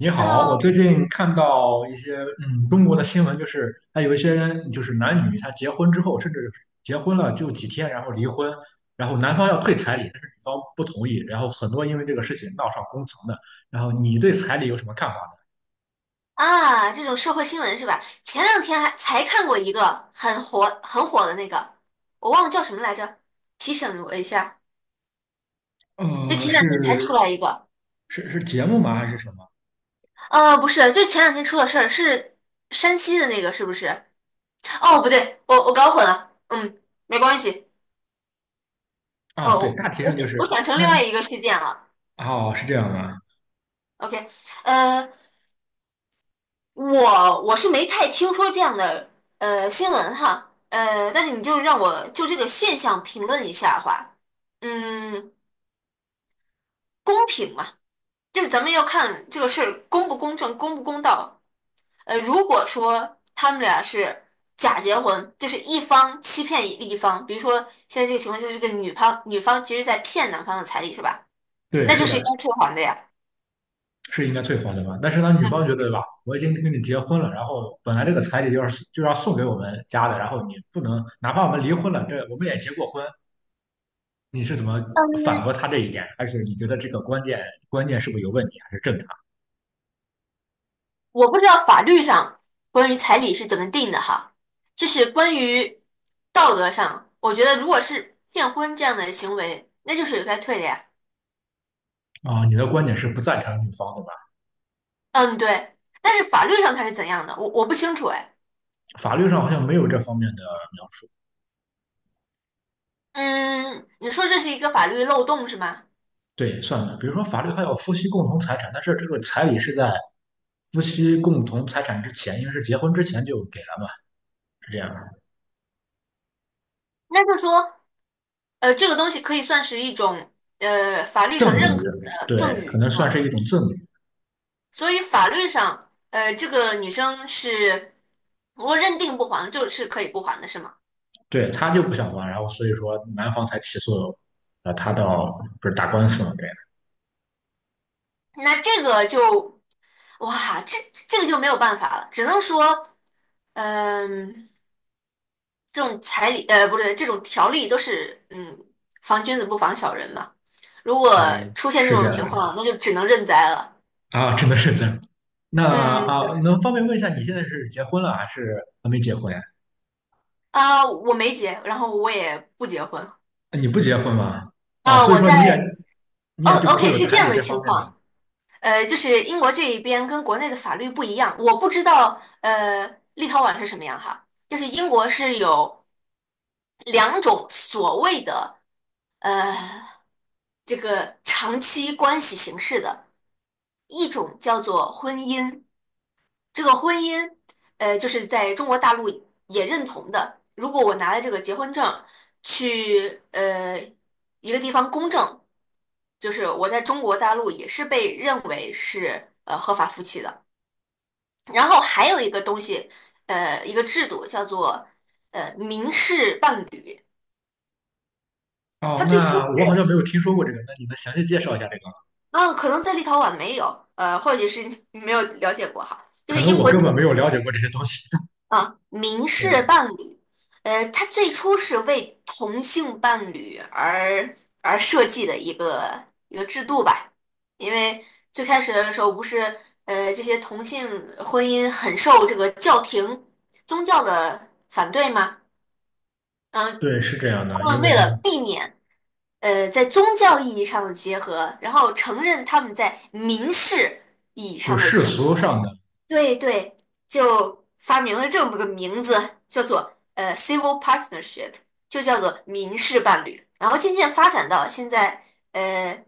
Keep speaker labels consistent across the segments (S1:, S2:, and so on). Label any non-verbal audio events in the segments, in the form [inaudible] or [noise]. S1: 你好，我
S2: Hello。
S1: 最近看到一些中国的新闻，就是他有一些人就是男女他结婚之后，甚至结婚了就几天，然后离婚，然后男方要退彩礼，但是女方不同意，然后很多因为这个事情闹上公堂的。然后你对彩礼有什么看法
S2: 这种社会新闻是吧？前两天还才看过一个很火很火的那个，我忘了叫什么来着，提醒我一下。
S1: 呢？
S2: 就
S1: 呃，
S2: 前两天才出
S1: 是
S2: 来一个，
S1: 是节目吗？还是什么？
S2: 不是，就是前两天出了事儿，是山西的那个，是不是？哦，不对，我搞混了，嗯，没关系。
S1: 啊，对，
S2: 哦，
S1: 大体
S2: 我
S1: 上
S2: 我
S1: 就是
S2: 我想成
S1: 那
S2: 另外
S1: 那
S2: 一个事件了。
S1: 哦是这样的，
S2: OK,呃，我是没太听说这样的新闻哈，但是你就让我就这个现象评论一下的话，嗯，公平嘛，就是咱们要看这个事儿公不公正、公不公道。呃，如果说他们俩是假结婚，就是一方欺骗另一方，比如说现在这个情况就是这个女方其实在骗男方的彩礼是吧？
S1: 对，
S2: 那
S1: 是
S2: 就是应该
S1: 的。
S2: 退还的呀。
S1: 是应该退还的吧？但是当女方觉
S2: 嗯。
S1: 得吧，我已经跟你结婚了，然后本来这个彩礼就要送给我们家的，然后你不能，哪怕我们离婚了，这我们也结过婚，你是怎么反驳他这一点？还是你觉得这个观念是不是有问题，还是正
S2: 我不知道法律上关于彩礼是怎么定的哈，就是关于道德上，我觉得如果是骗婚这样的行为，那就是有该退的呀。
S1: 常啊？你的观点是不赞成女方的吧？
S2: 嗯，对。但是法律上它是怎样的，我不清楚哎。
S1: 法律上好像没有这方面的描述。
S2: 嗯，你说这是一个法律漏洞是吗？
S1: 对，算了，比如说法律还有夫妻共同财产，但是这个彩礼是在夫妻共同财产之前，因为是结婚之前就给了嘛，是这样的
S2: 那就说，呃，这个东西可以算是一种法律
S1: 赠
S2: 上认
S1: 与，
S2: 可的
S1: 对，
S2: 赠
S1: 可
S2: 与
S1: 能
S2: 是
S1: 算
S2: 吗？
S1: 是一种赠与。
S2: 所以法律上，呃，这个女生是如果认定不还的就是可以不还的是吗？
S1: 对，他就不想还，然后所以说男方才起诉，他到不是打官司嘛？对，
S2: 那这个就。哇，这这个就没有办法了，只能说，嗯，这种彩礼，呃，不对，这种条例都是，嗯，防君子不防小人嘛。如果
S1: 对，
S2: 出现这
S1: 是这
S2: 种
S1: 样
S2: 情况，那就只能认栽了。
S1: 的啊，真的是这样。那
S2: 嗯，
S1: 啊，
S2: 对。
S1: 能方便问一下，你现在是结婚了还是还没结婚呀？
S2: 啊，我没结，然后我也不结婚。
S1: 你不结婚吗？啊，
S2: 啊，
S1: 所以
S2: 我
S1: 说你也
S2: 在。
S1: 你
S2: 哦
S1: 也就不会
S2: ，OK,
S1: 有
S2: 是这
S1: 彩礼
S2: 样的
S1: 这方
S2: 情
S1: 面的。
S2: 况。呃，就是英国这一边跟国内的法律不一样，我不知道，呃，立陶宛是什么样哈。就是英国是有两种所谓的，呃。这个长期关系形式的，一种叫做婚姻。这个婚姻，呃，就是在中国大陆也认同的。如果我拿了这个结婚证去一个地方公证，就是我在中国大陆也是被认为是合法夫妻的。然后还有一个东西，呃，一个制度叫做民事伴侣，它
S1: 哦，
S2: 最初
S1: 那我好像
S2: 是
S1: 没有听说过这个，那你能详细介绍一下这个吗？
S2: 啊，可能在立陶宛没有，呃，或者是没有了解过哈，就
S1: 可
S2: 是
S1: 能
S2: 英
S1: 我
S2: 国这
S1: 根本
S2: 个
S1: 没有了解过这些东西。[laughs]
S2: 啊，民事
S1: 对
S2: 伴侣，呃，它最初是为同性伴侣而设计的一个制度吧，因为最开始的时候不是，呃，这些同性婚姻很受这个教廷宗教的反对吗？嗯，
S1: 对，是这样
S2: 他
S1: 的，
S2: 们
S1: 因为
S2: 为了避免在宗教意义上的结合，然后承认他们在民事意义
S1: 就
S2: 上的
S1: 世
S2: 结合。
S1: 俗上的。
S2: 对,就发明了这么个名字，叫做civil partnership,就叫做民事伴侣。然后渐渐发展到现在，呃，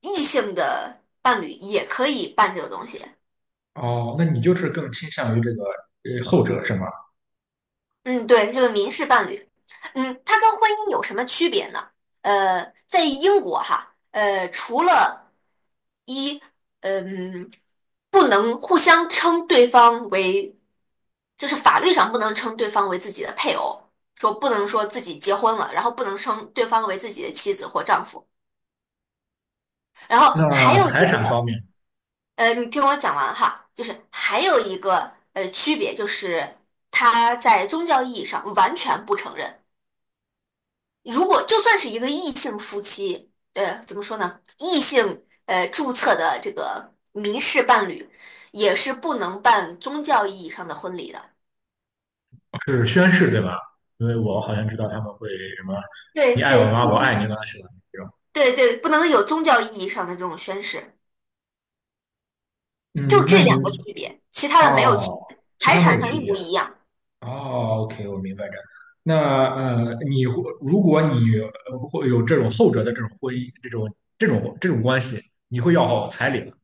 S2: 异性的伴侣也可以办这个东西。
S1: 哦，那你就是更倾向于这个后者是吗？
S2: 嗯，对，这个民事伴侣，嗯，它跟婚姻有什么区别呢？呃，在英国哈，呃，除了一，嗯，不能互相称对方为，就是法律上不能称对方为自己的配偶，说不能说自己结婚了，然后不能称对方为自己的妻子或丈夫，然后还
S1: 那
S2: 有
S1: 财
S2: 一
S1: 产方
S2: 个，
S1: 面
S2: 呃，你听我讲完哈，就是还有一个区别就是，它在宗教意义上完全不承认。如果就算是一个异性夫妻，呃，怎么说呢？异性注册的这个民事伴侣，也是不能办宗教意义上的婚礼的。
S1: 是宣誓对吧？因为我好像知道他们会什么
S2: 对
S1: “你爱我
S2: 对，不
S1: 吗？我爱
S2: 能。
S1: 你吗”是吧？这种。
S2: 对对，不能有宗教意义上的这种宣誓，就
S1: 嗯，那
S2: 这
S1: 你
S2: 两个区别，其他的没有区
S1: 哦，
S2: 别，
S1: 其
S2: 财
S1: 他没
S2: 产
S1: 有
S2: 上
S1: 区
S2: 一
S1: 别。
S2: 模一样。
S1: 哦，OK，我明白这。那如果你会有这种后者的这种婚姻，这种关系，你会要好彩礼吗？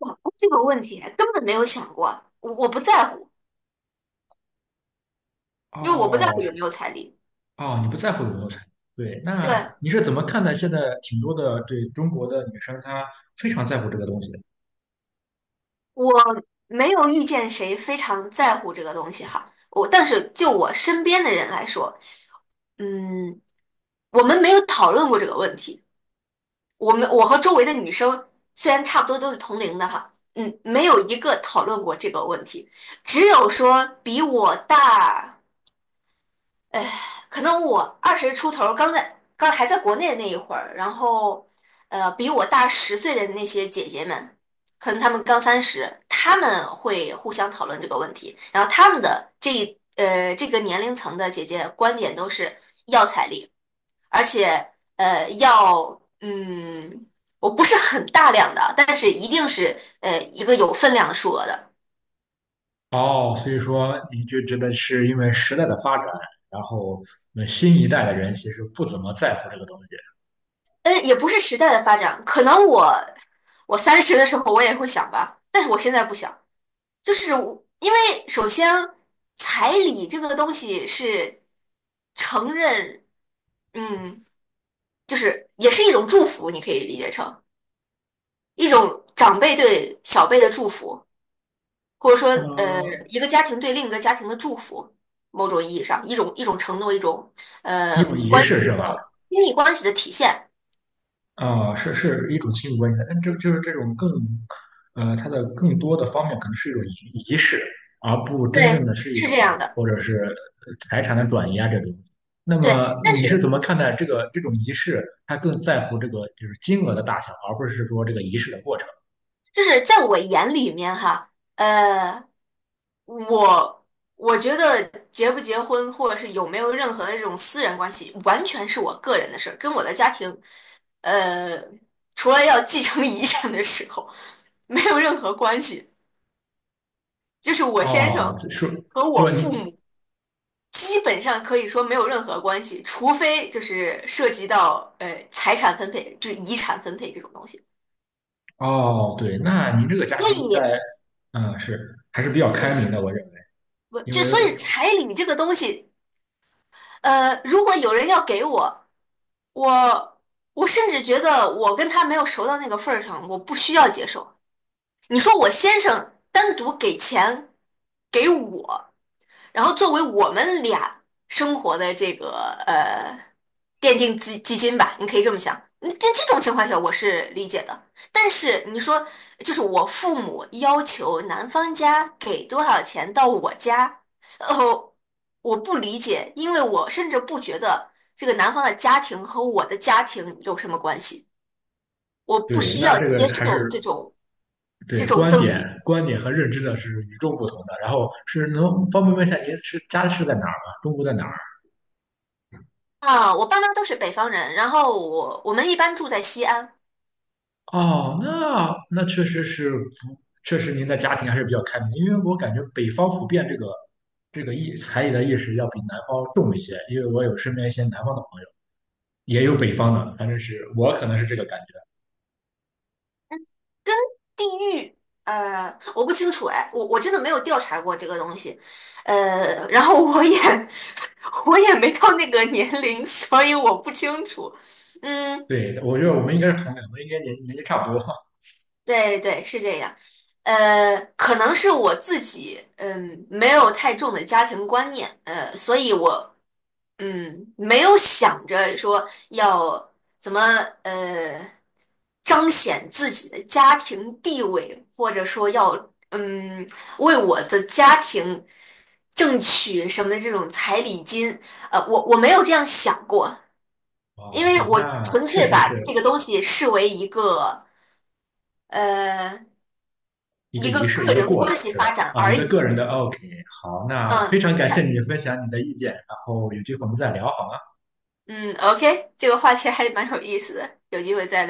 S2: 哇，这个问题根本没有想过，我不在乎，因为我不在乎
S1: 哦，
S2: 有
S1: 是
S2: 没有彩礼。
S1: 哦，你不在乎有没有彩礼？对，那
S2: 对。
S1: 你是怎么看待现在挺多的对中国的女生，她非常在乎这个东西？
S2: 我没有遇见谁非常在乎这个东西哈，我但是就我身边的人来说，嗯，我们没有讨论过这个问题。我和周围的女生虽然差不多都是同龄的哈，嗯，没有一个讨论过这个问题，只有说比我大。可能我二十出头刚在刚还在国内的那一会儿，然后呃，比我大十岁的那些姐姐们，可能她们刚三十，她们会互相讨论这个问题，然后她们的这这个年龄层的姐姐观点都是要彩礼，而且呃要嗯，我不是很大量的，但是一定是一个有分量的数额的。
S1: 哦，所以说你就觉得是因为时代的发展，然后那新一代的人其实不怎么在乎这个东西，
S2: 嗯，也不是时代的发展，可能我三十的时候我也会想吧，但是我现在不想，就是我因为首先彩礼这个东西是承认，嗯，就是也是一种祝福，你可以理解成一种长辈对小辈的祝福，或者说呃
S1: 呃，
S2: 一个家庭对另一个家庭的祝福，某种意义上一种承诺，一种
S1: 一种仪
S2: 关系
S1: 式是
S2: 的
S1: 吧？
S2: 亲密关系的体现，
S1: 啊、是是一种亲密关系的，但这就是这种更，呃，它的更多的方面可能是一种仪式，而不真正
S2: 对，
S1: 的是一
S2: 是
S1: 种
S2: 这样的，
S1: 或者是财产的转移啊这种。那
S2: 对，
S1: 么
S2: 但
S1: 你是怎
S2: 是。
S1: 么看待这个这种仪式？它更在乎这个就是金额的大小，而不是说这个仪式的过程。
S2: 就是在我眼里面哈，呃，我我觉得结不结婚，或者是有没有任何的这种私人关系，完全是我个人的事儿，跟我的家庭，呃，除了要继承遗产的时候，没有任何关系。就是我先生
S1: 哦，是
S2: 和我
S1: 说你。
S2: 父母基本上可以说没有任何关系，除非就是涉及到财产分配，就是遗产分配这种东西。
S1: 哦，对，那您这个家
S2: 所
S1: 庭在，
S2: 以，
S1: 嗯，是还是比较
S2: 也
S1: 开
S2: 是。
S1: 明的，我认为，
S2: 我
S1: 因
S2: 这
S1: 为
S2: 所以彩礼这个东西，呃，如果有人要给我，我我甚至觉得我跟他没有熟到那个份儿上，我不需要接受。你说我先生单独给钱给我。然后作为我们俩生活的这个呃奠定基金吧，你可以这么想。那在这种情况下，我是理解的。但是你说，就是我父母要求男方家给多少钱到我家，哦，我不理解，因为我甚至不觉得这个男方的家庭和我的家庭有什么关系，我不
S1: 对，
S2: 需
S1: 那
S2: 要
S1: 这
S2: 接
S1: 个还是
S2: 受这种
S1: 对
S2: 这种
S1: 观
S2: 赠
S1: 点、
S2: 与。
S1: 观点和认知的是与众不同的。然后是能方便问一下您是家是在哪儿吗？中国在哪儿？
S2: 啊，我爸妈都是北方人，然后我们一般住在西安。
S1: 哦，那那确实是不，确实您的家庭还是比较开明，因为我感觉北方普遍这个这个意才艺的意识要比南方重一些，因为我有身边一些南方的朋友，也有北方的，反正是我可能是这个感觉。
S2: 地域，呃，我不清楚哎，我真的没有调查过这个东西，呃，然后我也 [laughs] 我也没到那个年龄，所以我不清楚。嗯，
S1: 对，我觉得我们应该是同龄，我们应该年纪差不多。
S2: 对对，是这样。呃，可能是我自己，嗯，没有太重的家庭观念，呃，所以我嗯，没有想着说要怎么呃彰显自己的家庭地位，或者说要嗯为我的家庭争取什么的这种彩礼金，呃，我没有这样想过，因
S1: 哦，
S2: 为
S1: 对，
S2: 我
S1: 那
S2: 纯
S1: 确
S2: 粹
S1: 实
S2: 把
S1: 是
S2: 这个东西视为一个呃
S1: 一个
S2: 一
S1: 仪
S2: 个
S1: 式，
S2: 个
S1: 一个
S2: 人
S1: 过
S2: 关
S1: 程，
S2: 系
S1: 对吧？
S2: 发展
S1: 啊，一
S2: 而
S1: 个个
S2: 已。
S1: 人的 OK。好，那
S2: 嗯，
S1: 非常感谢
S2: 它
S1: 你分享你的意见，然后有机会我们再聊好吗？
S2: 嗯，OK,这个话题还蛮有意思的，有机会再。